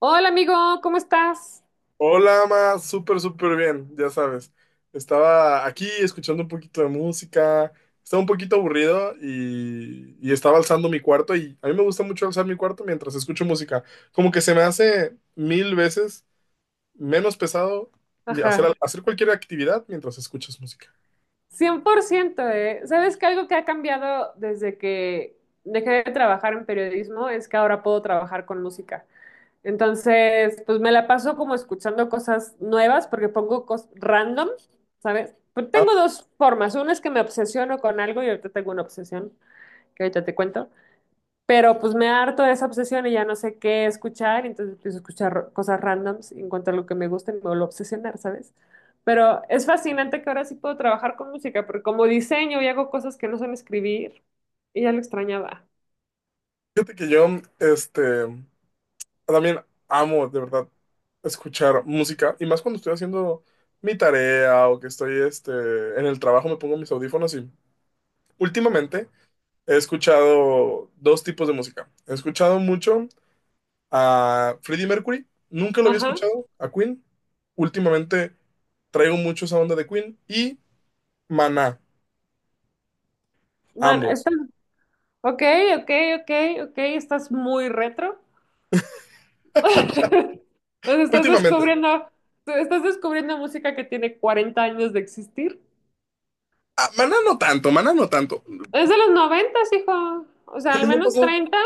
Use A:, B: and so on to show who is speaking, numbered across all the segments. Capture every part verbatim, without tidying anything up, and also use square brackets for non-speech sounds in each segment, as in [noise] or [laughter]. A: Hola amigo, ¿cómo estás?
B: Hola, ma, súper, súper bien, ya sabes. Estaba aquí escuchando un poquito de música, estaba un poquito aburrido y, y estaba alzando mi cuarto y a mí me gusta mucho alzar mi cuarto mientras escucho música. Como que se me hace mil veces menos pesado hacer,
A: Ajá,
B: hacer cualquier actividad mientras escuchas música.
A: cien por ciento, ¿eh? ¿Sabes que algo que ha cambiado desde que dejé de trabajar en periodismo es que ahora puedo trabajar con música? Entonces, pues me la paso como escuchando cosas nuevas porque pongo cosas random, ¿sabes? Pero
B: Ah,
A: tengo dos formas. Una es que me obsesiono con algo y ahorita tengo una obsesión que ahorita te cuento. Pero pues me harto de esa obsesión y ya no sé qué escuchar, y entonces empiezo a escuchar cosas randoms y encuentro lo que me gusta y me vuelvo a obsesionar, ¿sabes? Pero es fascinante que ahora sí puedo trabajar con música, porque como diseño y hago cosas que no son escribir, y ya lo extrañaba.
B: Fíjate que yo, este, también amo, de verdad, escuchar música y más cuando estoy haciendo mi tarea o que estoy, este, en el trabajo me pongo mis audífonos y... últimamente he escuchado dos tipos de música. He escuchado mucho a Freddie Mercury, nunca lo había
A: Ajá.
B: escuchado, a Queen. Últimamente traigo mucho esa onda de Queen y Maná,
A: Man,
B: ambos.
A: estás, ok, ok, ok, ok, estás muy retro. [laughs] Pues estás
B: Últimamente.
A: descubriendo, estás descubriendo música que tiene cuarenta años de existir.
B: Ah, Maná no tanto, Maná no tanto,
A: Es de los noventa, hijo. O sea,
B: pero
A: al
B: no
A: menos
B: pasó.
A: treinta.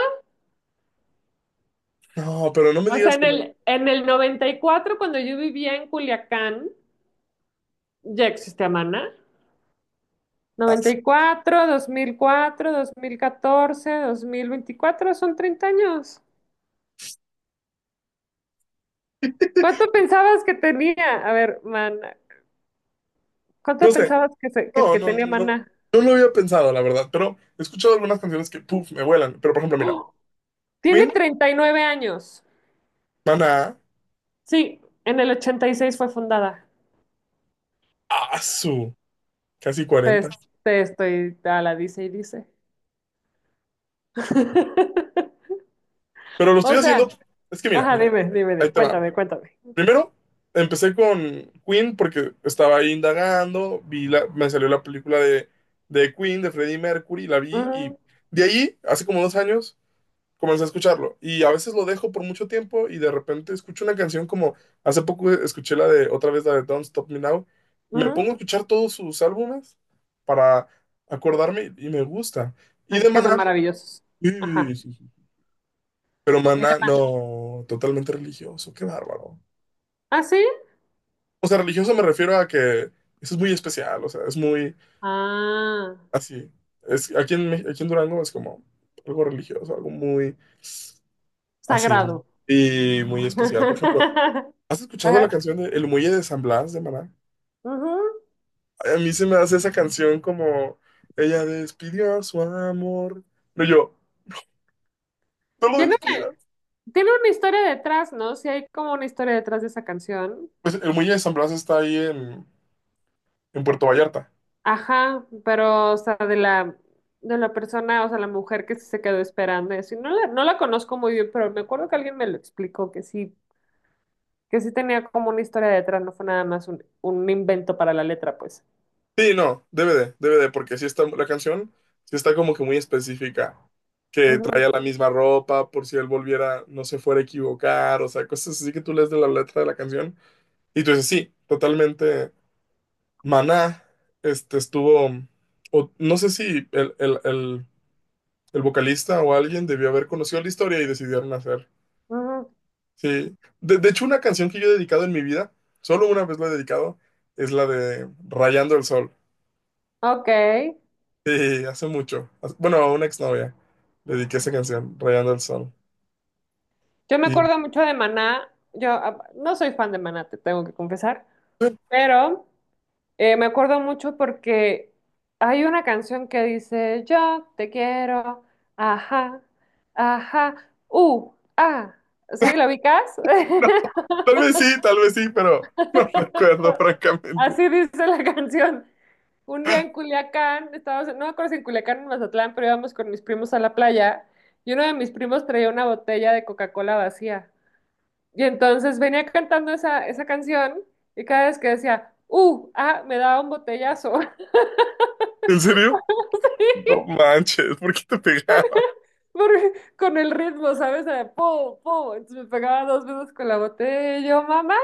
B: No, pero no me
A: O sea,
B: digas
A: en
B: que no.
A: el, en el noventa y cuatro, cuando yo vivía en Culiacán, ya existía Maná.
B: Ah,
A: noventa
B: sí.
A: y cuatro, dos mil cuatro, dos mil catorce, dos mil veinticuatro, son treinta años. ¿Cuánto
B: [laughs]
A: pensabas que tenía? A ver, Maná.
B: No
A: ¿Cuánto
B: sé,
A: pensabas que, se- que,
B: no,
A: que
B: no,
A: tenía
B: no,
A: Maná?
B: no lo había pensado, la verdad, pero he escuchado algunas canciones que, puff, me vuelan. Pero por ejemplo, mira,
A: ¡Oh! Tiene
B: Queen,
A: treinta y nueve años.
B: Maná,
A: Sí, en el ochenta y seis fue fundada.
B: Asu, casi
A: Te,
B: cuarenta.
A: te estoy a la dice y dice. [laughs]
B: Pero lo estoy
A: O
B: haciendo.
A: sea,
B: Es que mira,
A: ajá,
B: mira,
A: dime,
B: ahí,
A: dime,
B: ahí
A: di-
B: te va.
A: cuéntame, cuéntame.
B: Primero, empecé con Queen porque estaba ahí indagando, vi la, me salió la película de, de Queen, de Freddie Mercury, la vi y
A: Ujú,
B: de ahí, hace como dos años, comencé a escucharlo. Y a veces lo dejo por mucho tiempo y de repente escucho una canción como hace poco escuché la de otra vez la de Don't Stop Me Now. Me
A: ujú.
B: pongo a escuchar todos sus álbumes para acordarme y me gusta. Y
A: Es
B: de
A: que son
B: Maná,
A: maravillosos. Ajá.
B: pero
A: Y le-
B: maná, no, totalmente religioso, qué bárbaro.
A: ¿Ah, sí?
B: O sea, religioso me refiero a que eso es muy especial, o sea, es muy
A: Ah,
B: así. Es, aquí en, Mex- aquí en Durango es como algo religioso, algo muy así
A: sagrado.
B: y muy especial. Por ejemplo,
A: [laughs]
B: ¿has escuchado la
A: Ajá.
B: canción de El Muelle de San Blas de Maná?
A: Ujú.
B: Ay, a mí se me hace esa canción como ella despidió a su amor. Pero yo, no lo
A: Tiene,
B: despidas.
A: tiene una historia detrás, ¿no? Sí, hay como una historia detrás de esa canción.
B: Pues El Muelle de San Blas está ahí en, en Puerto Vallarta.
A: Ajá, pero, o sea, de la, de la persona, o sea, la mujer que sí se quedó esperando y así. No la, no la conozco muy bien, pero me acuerdo que alguien me lo explicó, que sí, que sí tenía como una historia detrás, no fue nada más un, un invento para la letra, pues.
B: Sí, no, debe de, debe de, porque sí está la canción, sí está como que muy específica, que traía
A: Ujú,
B: la misma ropa por si él volviera, no se fuera a equivocar, o sea, cosas así que tú lees de la letra de la canción y tú dices, sí, totalmente, Maná, este estuvo, o no sé si el, el, el, el vocalista o alguien debió haber conocido la historia y decidieron hacer,
A: ujú.
B: sí. De, de hecho, una canción que yo he dedicado en mi vida, solo una vez la he dedicado, es la de Rayando el Sol.
A: Ok.
B: Sí, hace mucho. Hace- Bueno, a una exnovia le dediqué esa canción, Rayando el Sol.
A: Yo me
B: Y [laughs]
A: acuerdo mucho de Maná. Yo ah, no soy fan de Maná, te tengo que confesar.
B: no,
A: Pero eh, me acuerdo mucho porque hay una canción que dice: yo te quiero, ajá, ajá, uh, ah. ¿Sí? ¿Lo ubicas? [laughs]
B: tal vez sí, tal vez sí, pero [laughs] no recuerdo francamente.
A: Así dice la canción. Un día en Culiacán, estábamos, no me acuerdo si en Culiacán o en Mazatlán, pero íbamos con mis primos a la playa y uno de mis primos traía una botella de Coca-Cola vacía. Y entonces venía cantando esa, esa canción y cada vez que decía, uh, ah, me daba un botellazo.
B: ¿En serio?
A: [laughs]
B: No manches, ¿por qué te pegaba?
A: Por- con el ritmo, ¿sabes? Era po, po. Entonces me pegaba dos veces con la botella y yo, mamá,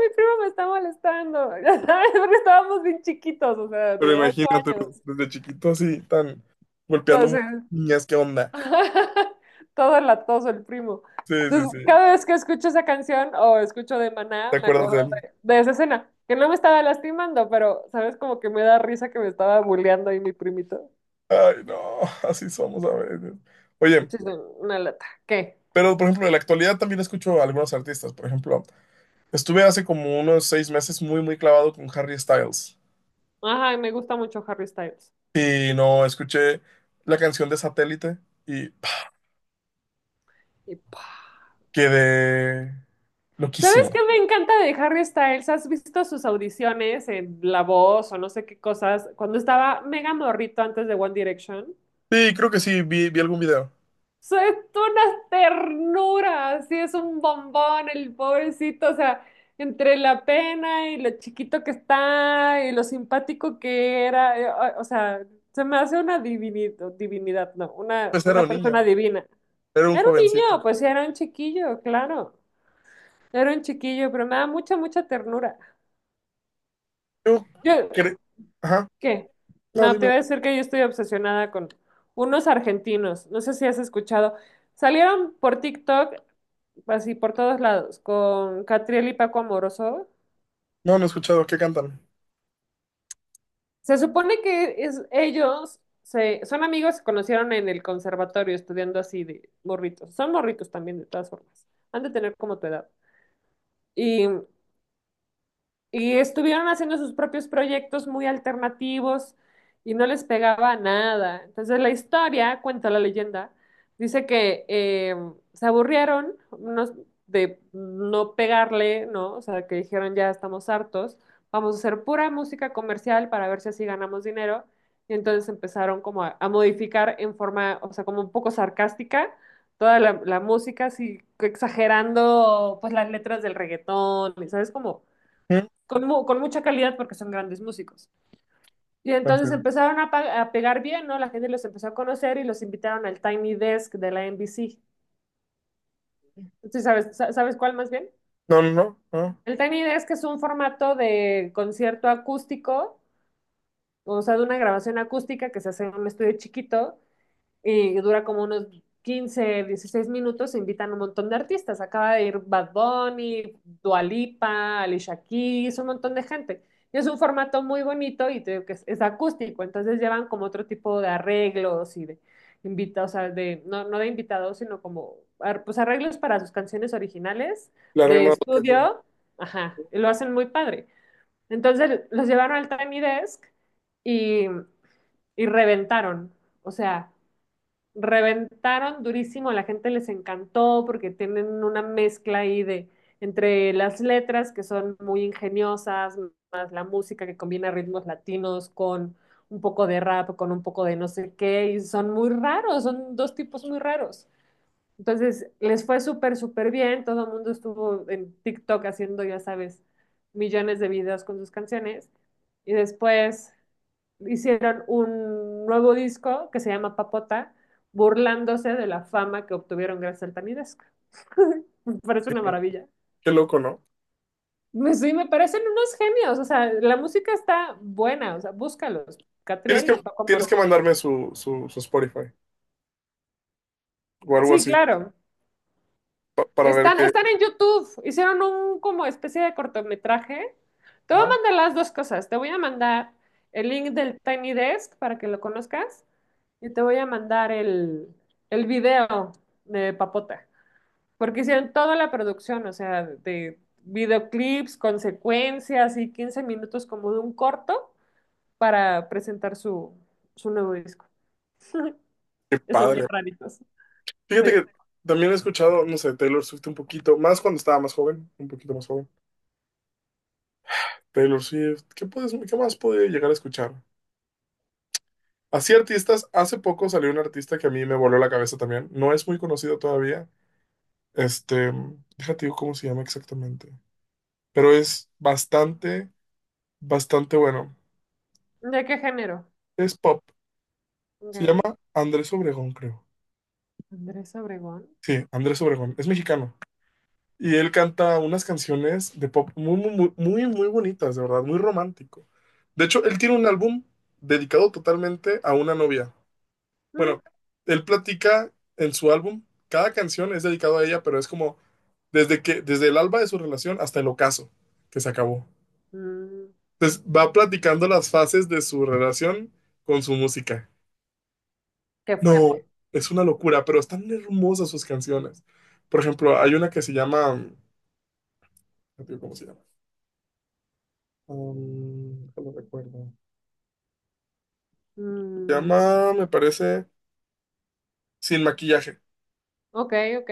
A: mi primo me está molestando. [laughs] Ya sabes, porque estábamos bien chiquitos, o sea,
B: Pero
A: de ocho
B: imagínate, pues,
A: años.
B: desde chiquito así, tan golpeando mu-
A: Entonces,
B: niñas, ¿qué onda?
A: [laughs] todo latoso el primo.
B: Sí, sí,
A: Entonces,
B: sí.
A: cada vez que escucho esa canción o escucho de
B: ¿Te
A: Maná, me
B: acuerdas de
A: acuerdo
B: él?
A: de, de esa escena, que no me estaba lastimando, pero, ¿sabes? Como que me da risa que me estaba bulleando ahí mi primito.
B: Ay, no, [laughs] así somos a veces. Oye,
A: Sí, sí, una lata. ¿Qué?
B: pero por ejemplo, en la actualidad también escucho a algunos artistas. Por ejemplo, estuve hace como unos seis meses muy, muy clavado con Harry Styles.
A: Ajá, y me gusta mucho Harry Styles.
B: Y no, escuché la canción de Satélite y pah,
A: Y pa.
B: quedé loquísimo.
A: ¿Sabes qué me encanta de Harry Styles? ¿Has visto sus audiciones en La Voz o no sé qué cosas? Cuando estaba mega morrito antes de One Direction.
B: Sí, creo que sí, vi, vi algún video.
A: So, es toda una ternura, así es un bombón el pobrecito, o sea, entre la pena y lo chiquito que está y lo simpático que era, eh, o, o sea, se me hace una divinidad, divinidad, no, una,
B: Pues era
A: una
B: un niño,
A: persona divina.
B: era un
A: Era un niño,
B: jovencito.
A: pues sí, era un chiquillo, claro, era un chiquillo, pero me da mucha, mucha ternura.
B: Yo
A: Yo,
B: cre- Ajá,
A: ¿qué?
B: no,
A: No, te
B: dime.
A: voy a decir que yo estoy obsesionada con unos argentinos, no sé si has escuchado. Salieron por TikTok así por todos lados, con Catriel y Paco Amoroso.
B: No, no he escuchado, ¿qué cantan?
A: Se supone que es, ellos se, son amigos, se conocieron en el conservatorio estudiando así de morritos. Son morritos también, de todas formas. Han de tener como tu edad. Y Y estuvieron haciendo sus propios proyectos muy alternativos y no les pegaba nada. Entonces la historia, cuenta la leyenda, dice que eh, se aburrieron unos de no pegarle, ¿no? O sea, que dijeron ya estamos hartos, vamos a hacer pura música comercial para ver si así ganamos dinero. Y entonces empezaron como a, a modificar en forma, o sea, como un poco sarcástica toda la, la música, así exagerando pues las letras del reggaetón, ¿sabes? Como
B: ¿Mm?
A: con, mu- con mucha calidad porque son grandes músicos. Y
B: No, en
A: entonces
B: serio.
A: empezaron a, pa- a pegar bien, ¿no? La gente los empezó a conocer y los invitaron al Tiny Desk de la N B C. ¿Sí sabes, sa- sabes cuál más bien?
B: No, no, no, no.
A: El Tiny Desk es un formato de concierto acústico, o sea, de una grabación acústica que se hace en un estudio chiquito y dura como unos quince, dieciséis minutos, invitan un montón de artistas. Acaba de ir Bad Bunny, Dua Lipa, Alicia Keys, un montón de gente. Y es un formato muy bonito y te digo que es, es acústico, entonces llevan como otro tipo de arreglos y de invitados, o sea, de, no, no de invitados, sino como ar- pues arreglos para sus canciones originales
B: La
A: de
B: regla de la canción.
A: estudio. Ajá, y lo hacen muy padre. Entonces los llevaron al Tiny Desk y, y reventaron. O sea, reventaron durísimo, a la gente les encantó porque tienen una mezcla ahí de entre las letras que son muy ingeniosas, más la música que combina ritmos latinos con un poco de rap, con un poco de no sé qué, y son muy raros, son dos tipos muy raros. Entonces, les fue súper, súper bien, todo el mundo estuvo en TikTok haciendo, ya sabes, millones de videos con sus canciones, y después hicieron un nuevo disco que se llama Papota, burlándose de la fama que obtuvieron gracias al Tamidesco. [laughs] Me parece una maravilla.
B: Qué loco, ¿no?
A: Me- sí, me parecen unos genios, o sea, la música está buena, o sea, búscalos,
B: Tienes
A: Catriel y
B: que,
A: Paco
B: tienes que
A: Amoroso.
B: mandarme su, su, su Spotify o algo
A: Sí,
B: así
A: claro.
B: pa- para ver
A: Están,
B: qué.
A: están en YouTube. Hicieron un como especie de cortometraje. Te voy a
B: Ajá,
A: mandar las dos cosas. Te voy a mandar el link del Tiny Desk para que lo conozcas y te voy a mandar el, el video de Papota, porque hicieron toda la producción, o sea, de videoclips, consecuencias y quince minutos como de un corto para presentar su, su nuevo disco.
B: qué
A: Y son
B: padre.
A: bien raritos.
B: Fíjate
A: Sí.
B: que también he escuchado, no sé, Taylor Swift un poquito, más cuando estaba más joven, un poquito más joven. Taylor Swift, ¿qué puedes, ¿qué más puede llegar a escuchar? Así artistas, hace poco salió un artista que a mí me voló la cabeza también. No es muy conocido todavía. Este, déjate digo cómo se llama exactamente. Pero es bastante, bastante bueno.
A: ¿De qué género?
B: Es pop.
A: Ok.
B: Se llama Andrés Obregón, creo.
A: Andrés Obregón.
B: Sí, Andrés Obregón. Es mexicano. Y él canta unas canciones de pop muy, muy, muy, muy, muy bonitas, de verdad, muy romántico. De hecho, él tiene un álbum dedicado totalmente a una novia.
A: Mm.
B: Bueno, él platica en su álbum, cada canción es dedicado a ella, pero es como desde que, desde el alba de su relación hasta el ocaso que se acabó.
A: Mm.
B: Entonces va platicando las fases de su relación con su música.
A: Qué fuerte.
B: No, es una locura, pero están hermosas sus canciones. Por ejemplo, hay una que se llama, no digo ¿cómo se llama? Um, no lo recuerdo. Se
A: Mm,
B: llama, me parece, Sin maquillaje.
A: ok, ok.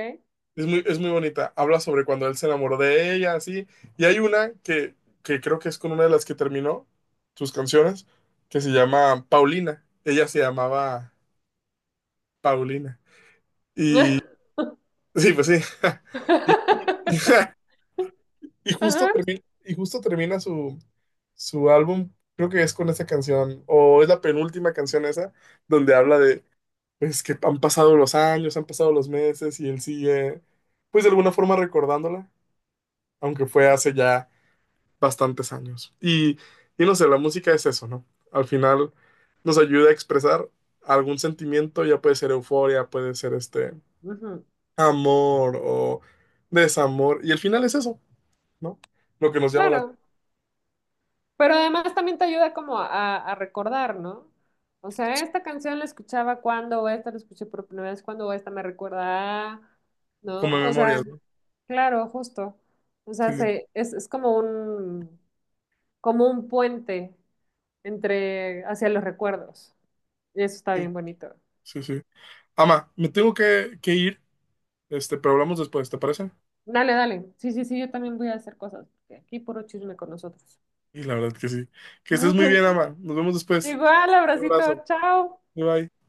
B: Es muy, es muy bonita. Habla sobre cuando él se enamoró de ella, así. Y hay una que, que creo que es con una de las que terminó sus canciones, que se llama Paulina. Ella se llamaba Paulina. [laughs] Sí, pues sí. [laughs] Y, y- [laughs]
A: [laughs]
B: y justo
A: Ajá,
B: termina, y justo termina su, su álbum, creo que es con esa canción, o es la penúltima canción esa, donde habla de, pues, que han pasado los años, han pasado los meses y él sigue, pues, de alguna forma recordándola, aunque fue hace ya bastantes años. Y, y no sé, la música es eso, ¿no? Al final nos ayuda a expresar algún sentimiento, ya puede ser euforia, puede ser este
A: ujú.
B: amor o desamor, y al final es eso, ¿no? Lo que nos llama la...
A: Claro, pero además también te ayuda como a, a recordar, ¿no? O sea, esta canción la escuchaba cuando, o esta la escuché por primera vez cuando, o esta me recuerda, a,
B: como
A: ¿no? O sea,
B: memorias, ¿no?
A: claro, justo. O sea,
B: Sí,
A: se, es, es como un, como un puente entre, hacia los recuerdos. Y eso está
B: sí,
A: bien bonito.
B: sí, sí. Ama, me tengo que, que ir, este, pero hablamos después, ¿te parece?
A: Dale, dale. Sí, sí, sí, yo también voy a hacer cosas, porque aquí puro chisme con nosotros.
B: Y la verdad que sí. Que estés muy bien,
A: [laughs]
B: Ama. Nos vemos después.
A: Igual,
B: Un
A: abracito,
B: abrazo.
A: chao.
B: Bye bye.